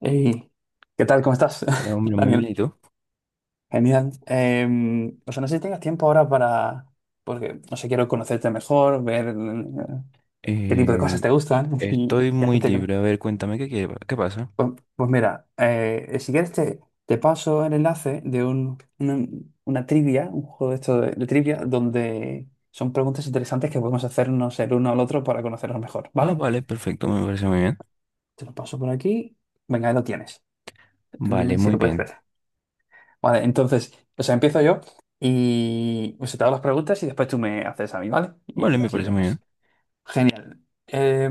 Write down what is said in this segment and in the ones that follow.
Hey, ¿qué tal? ¿Cómo estás? Hombre, muy bien, Daniel, ¿y tú? genial. No sé si tengas tiempo ahora para, no sé, quiero conocerte mejor, ver qué tipo de Eh, cosas te gustan Estoy y muy libre. A ver, cuéntame qué pasa. Pues, pues mira, si quieres te paso el enlace de una trivia, un juego de esto de trivia, donde son preguntas interesantes que podemos hacernos el uno al otro para conocernos mejor, Ah, ¿vale? vale, perfecto, me parece muy bien. Te lo paso por aquí. Venga, ahí lo tienes. Dime Vale, si muy lo puedes bien. ver. Vale, entonces, o sea, empiezo yo y o sea, te hago las preguntas y después tú me haces a mí, ¿vale? Vale, Y me así parece muy vamos. bien. Genial. Eh,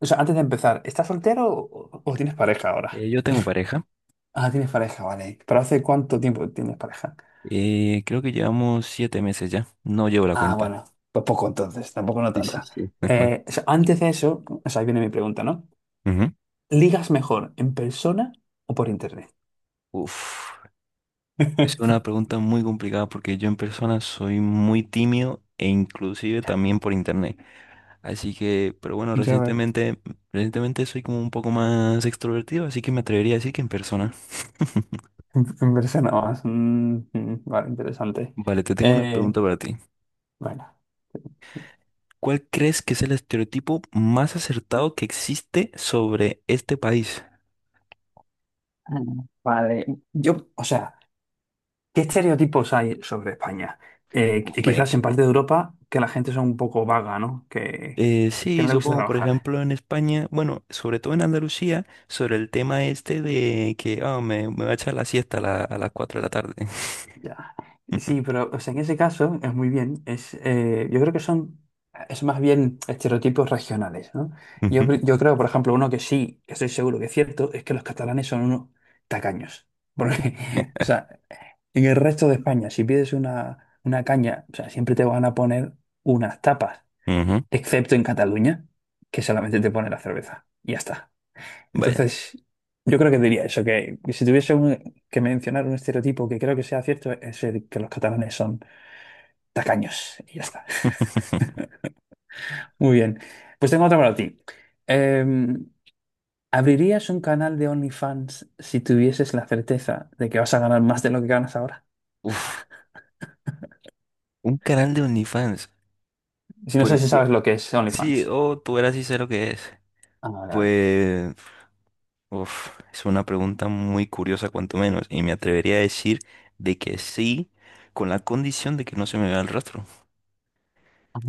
o sea, antes de empezar, ¿estás soltero o tienes pareja ahora? Yo tengo pareja. Ah, tienes pareja, vale. ¿Pero hace cuánto tiempo tienes pareja? Creo que llevamos 7 meses ya. No llevo la Ah, cuenta. bueno, pues poco entonces, tampoco no Sí, sí, tanta. sí. No. O sea, antes de eso, o sea, ahí viene mi pregunta, ¿no? Ujú. ¿Ligas mejor en persona o por internet? Uf, es una pregunta muy complicada porque yo en persona soy muy tímido e inclusive también por internet. Así que, pero bueno, Ya veo. recientemente soy como un poco más extrovertido, así que me atrevería a decir que en persona. En persona más. Vale, interesante. Vale, te tengo una Eh, pregunta para ti. bueno. ¿Cuál crees que es el estereotipo más acertado que existe sobre este país? Ah, Vale, yo, o sea, ¿qué estereotipos hay sobre España? Y Hombre. quizás en parte de Europa que la gente es un poco vaga, ¿no? Que Sí, no le gusta supongo, por trabajar. ejemplo, en España, bueno, sobre todo en Andalucía, sobre el tema este de que ah, me va a echar la siesta a, a las 4 de la tarde. Ya. Sí, pero o sea, en ese caso es muy bien. Yo creo que son, es más bien estereotipos regionales, ¿no? Yo, Ujú, yo creo, por ejemplo, uno que sí, que estoy seguro que es cierto, es que los catalanes son unos tacaños. Porque, o sea, en el resto de España, si pides una caña, o sea, siempre te van a poner unas tapas. ujú. Excepto en Cataluña, que solamente te pone la cerveza. Y ya está. Vaya. Entonces, yo creo que diría eso, que si tuviese un- que mencionar un estereotipo que creo que sea cierto, es el que los catalanes son tacaños. Y ya está. Muy bien. Pues tengo otra para ti. Em, ¿Abrirías un canal de OnlyFans si tuvieses la certeza de que vas a ganar más de lo que ganas ahora? Uf, un canal de OnlyFans. Si no sé Pues si mi- sabes lo que es sí, OnlyFans. oh, tú verás si sé lo que es. Ah, vale, vale. Pues Uf, es una pregunta muy curiosa, cuanto menos, y me atrevería a decir de que sí, con la condición de que no se me vea el rostro.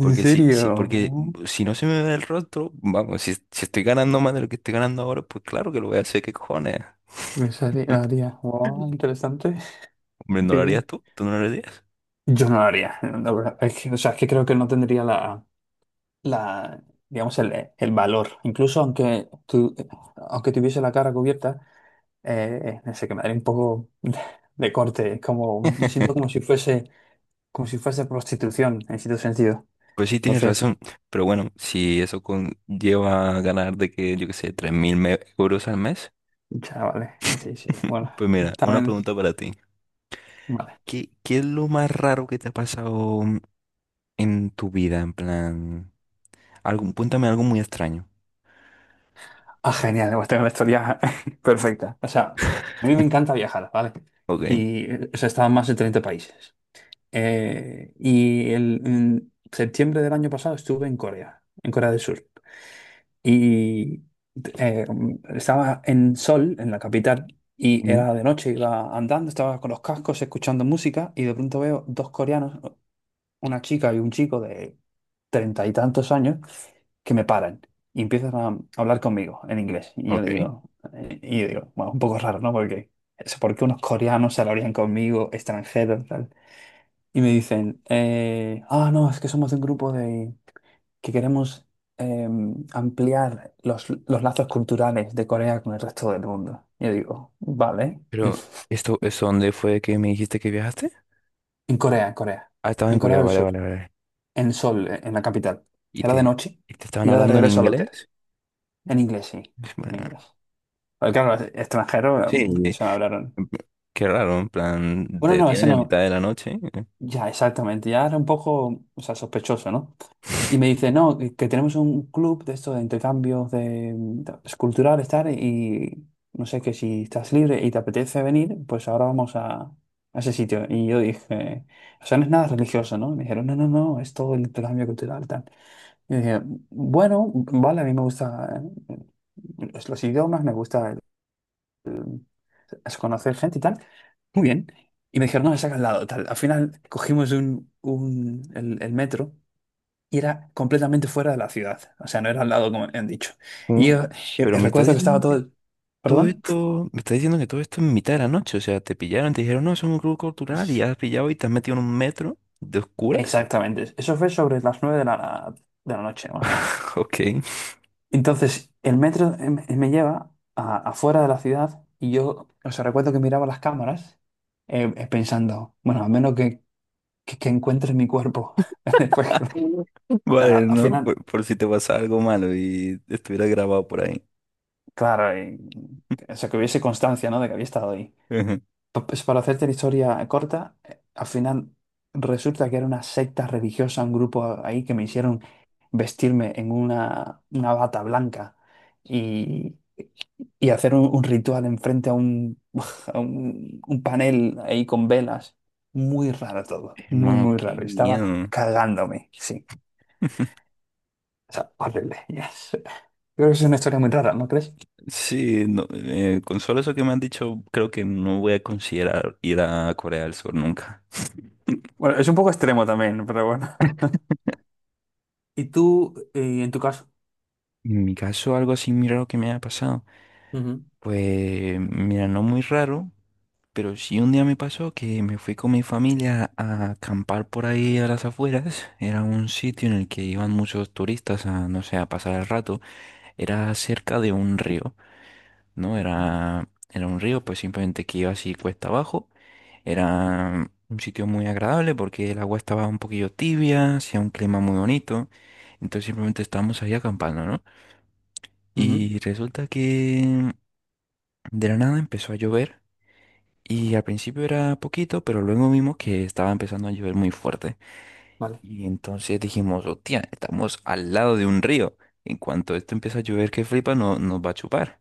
¿En porque serio? si no se me ve el rostro, vamos, si estoy ganando más de lo que estoy ganando ahora, pues claro que lo voy a hacer, ¿qué cojones? Haría. Wow, interesante. Hombre, ¿no Qué lo bien. harías tú? ¿Tú no lo harías? Yo no lo haría, la verdad. Es que, o sea, es que creo que no tendría la, digamos, el valor. Aunque tuviese la cara cubierta, no sé, que me daría un poco de corte. Es como, me siento como si fuese prostitución, en cierto sentido. Pues sí, tienes Entonces, razón, pero bueno, si eso conlleva ganar de que, yo qué sé, 3000 euros al mes, ya, vale. Sí, sí. Bueno, pues mira, una también, pregunta para ti. vale. ¿Qué es lo más raro que te ha pasado en tu vida, en plan? Algo, cuéntame algo muy extraño, Ah, genial. Pues tengo la historia perfecta. O sea, a mí me encanta viajar, ¿vale? ¿ok? Y o sea, he estado en más de 30 países. En septiembre del año pasado estuve en Corea del Sur. Y eh, estaba en Seoul, en la capital, y Mm. era de noche, iba andando, estaba con los cascos, escuchando música, y de pronto veo dos coreanos, una chica y un chico de 30 y tantos años, que me paran y empiezan a hablar conmigo en inglés. Ok. Y yo digo, bueno, un poco raro, ¿no? Porque, ¿por qué unos coreanos se hablarían conmigo, extranjeros, tal? Y me dicen, ah, no, es que somos de un grupo de, que queremos ampliar los lazos culturales de Corea con el resto del mundo. Yo digo, vale. Pero, ¿esto es dónde fue que me dijiste que viajaste? En Corea, en Corea, Ah, estaba en en Corea Corea, del vale, vale, Sur, vale. en Seoul, en la capital. ¿Y Era de te, noche ¿y te y estaban iba de hablando en regreso al hotel. inglés? En inglés, sí, Bueno, en inglés. Porque claro, extranjero, sí, se me hablaron. qué raro, en plan, te Bueno, no, ese detienen a no. mitad de la noche. ¿Eh? Ya, exactamente. Ya era un poco, o sea, sospechoso, ¿no? Y me dice, no, que tenemos un club de esto de intercambios de, culturales, tal, y no sé, que si estás libre y te apetece venir, pues ahora vamos a ese sitio. Y yo dije, o sea, no es nada religioso, ¿no? Y me dijeron, no, no, no, es todo el intercambio cultural, tal. Y yo dije, bueno, vale, a mí me gusta eh, los idiomas, es conocer gente y tal. Muy bien. Y me dijeron, no, es acá al lado, tal. Al final cogimos el metro y era completamente fuera de la ciudad. O sea, no era al lado, como han dicho. Y yo, ¿Cómo? Pero me estás recuerdo que estaba diciendo todo... que el- todo ¿Perdón? esto, me estás diciendo que todo esto es en mitad de la noche, o sea, te pillaron, te dijeron, no, es un grupo cultural y Sí, has pillado y te has metido en un metro de oscuras. exactamente. Eso fue sobre las 9 de la noche, más o menos. Ok. Entonces, el metro me lleva afuera de la ciudad y yo, o sea, recuerdo que miraba las cámaras pensando, bueno, a menos que encuentre mi cuerpo. Después, que- nada, Vale, al ¿no? final, Por si te pasa algo malo y estuviera grabado por ahí. claro, o sea, que hubiese constancia, ¿no? De que había estado ahí. Ujú. Pues para hacerte la historia corta, al final resulta que era una secta religiosa, un grupo ahí que me hicieron vestirme en una bata blanca y, y hacer un ritual enfrente a un, a un panel ahí con velas. Muy raro todo, muy, Hermano, muy qué raro. Estaba miedo. cagándome, sí. O sea, horrible. Yes. Creo que es una historia muy rara, ¿no crees? Sí, no, con solo eso que me han dicho, creo que no voy a considerar ir a Corea del Sur nunca. Bueno, es un poco extremo también, pero bueno. ¿Y tú, en tu caso? En mi caso, algo así muy raro que me haya pasado. Ujú, Pues, mira, no muy raro, pero sí un día me pasó que me fui con mi familia a acampar por ahí a las afueras. Era un sitio en el que iban muchos turistas a, no sé, a pasar el rato. Era cerca de un río. ¿No? vale. Era un río, pues simplemente que iba así cuesta abajo. Era un sitio muy agradable porque el agua estaba un poquillo tibia, hacía un clima muy bonito. Entonces simplemente estábamos ahí acampando, ¿no? Ujú, Y resulta que de la nada empezó a llover. Y al principio era poquito, pero luego vimos que estaba empezando a llover muy fuerte. vale. Y entonces dijimos, hostia, estamos al lado de un río. En cuanto esto empieza a llover que flipa, no, nos va a chupar.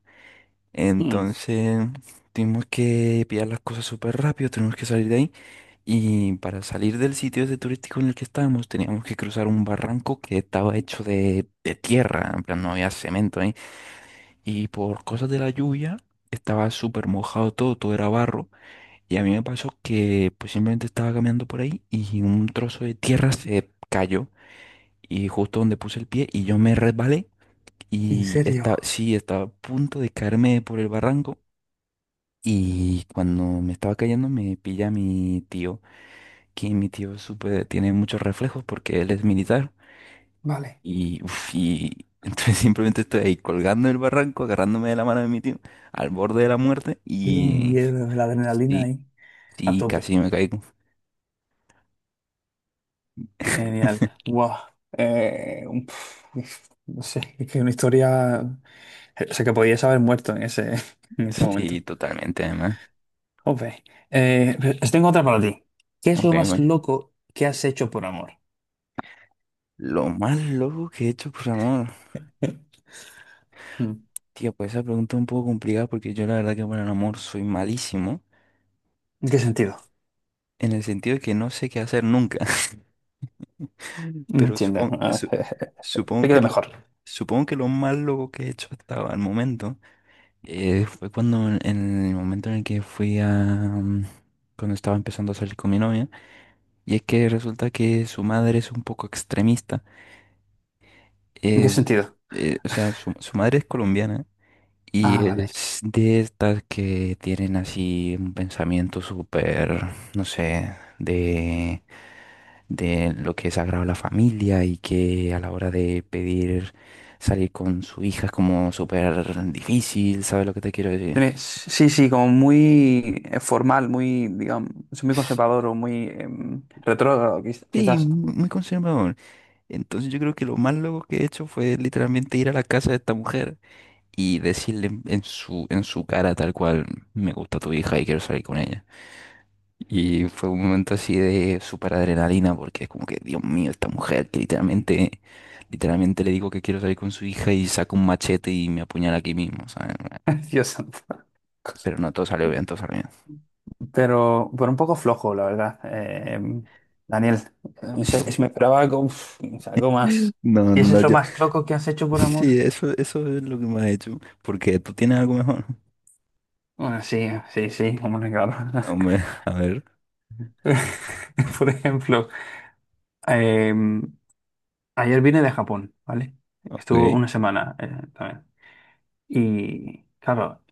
Mm. Entonces, tuvimos que pillar las cosas súper rápido, tenemos que salir de ahí. Y para salir del sitio ese turístico en el que estábamos, teníamos que cruzar un barranco que estaba hecho de tierra, en plan no había cemento ahí. Y por cosas de la lluvia, estaba súper mojado todo, todo era barro. Y a mí me pasó que pues simplemente estaba caminando por ahí y un trozo de tierra se cayó. Y justo donde puse el pie y yo me resbalé. ¿En Y serio? estaba, sí, estaba a punto de caerme por el barranco. Y cuando me estaba cayendo me pilla mi tío, que mi tío es tiene muchos reflejos porque él es militar. Vale. Y, uf, y entonces simplemente estoy ahí colgando del barranco, agarrándome de la mano de mi tío, al borde de la muerte Qué miedo, la adrenalina y, ahí a y tope. casi me caigo. Genial. Guau. No sé, es que una historia. O sea, que podías haber muerto en ese, en ese momento. Sí, totalmente además. Ok. Pues tengo otra para ti. ¿Qué es Ok, lo más bueno. loco que has hecho por amor? Lo más loco que he hecho por amor. Mm. Tío, pues esa pregunta es un poco complicada porque yo la verdad que por el amor soy malísimo. ¿En qué sentido? En el sentido de que no sé qué hacer nunca. No Pero entiendo. supongo, supongo que Explícate lo, mejor. supongo que lo más loco que he hecho hasta el momento fue cuando en el momento en el que fui a cuando estaba empezando a salir con mi novia y es que resulta que su madre es un poco extremista ¿En qué eh, sentido? O sea su madre es colombiana y Ah, vale. es de estas que tienen así un pensamiento súper no sé de lo que es sagrado a la familia y que a la hora de pedir salir con su hija es como súper difícil, ¿sabes lo que te quiero decir? Sí, sí, como muy formal, muy, digamos, es muy conservador o muy retrógrado, Sí, quizás. Muy conservador. Entonces yo creo que lo más loco que he hecho fue literalmente ir a la casa de esta mujer y decirle en su cara tal cual, me gusta tu hija y quiero salir con ella. Y fue un momento así de súper adrenalina, porque es como que, Dios mío, esta mujer que literalmente le digo que quiero salir con su hija y saca un machete y me apuñala aquí mismo, ¿sabes? Dios santo. Pero no, todo salió bien, todo salió bien. Pero un poco flojo, la verdad. Daniel, no sé, me esperaba algo, uf, o sea, algo más. No, no, ¿Y eso no, es lo yo. más loco que has hecho por amor? Sí, eso es lo que me ha hecho. Porque tú tienes algo mejor. Bueno, sí, sí, sí, hombre, claro. Hombre, a ver, Por ejemplo, em, ayer vine de Japón, ¿vale? ok. Estuvo una semana también. Y claro,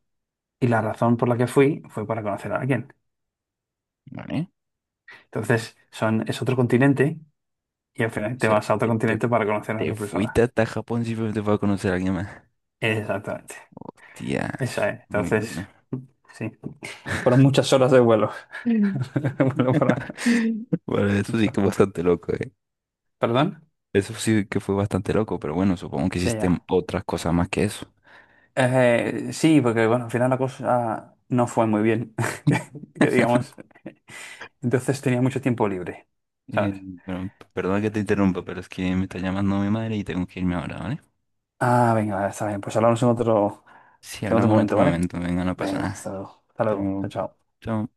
y la razón por la que fui fue para conocer a alguien. Vale. Entonces, es otro continente y al final O te sea, vas a otro continente para conocer a te otra fuiste persona. hasta Japón simplemente para conocer a alguien más. Exactamente. Hostia, Esa eso es es. muy Entonces, duro. sí. Fueron muchas horas de vuelo. Vuelo para- Bueno, eso sí que es bastante loco, ¿eh? ¿Perdón? Eso sí que fue bastante loco, pero bueno, supongo que Ya, hiciste ya. otras cosas más que eso. Sí, porque bueno, al final la cosa no fue muy bien. Que digamos. Entonces tenía mucho tiempo libre, Eh, ¿sabes? bueno, perdón que te interrumpa, pero es que me está llamando mi madre y tengo que irme ahora, ¿vale? Ah, venga, vale, está bien. Pues hablamos Si en otro hablamos en momento, otro ¿vale? momento, venga, no pasa Venga, hasta nada. luego. Hasta Hasta luego. Chao, luego. chao. Chao.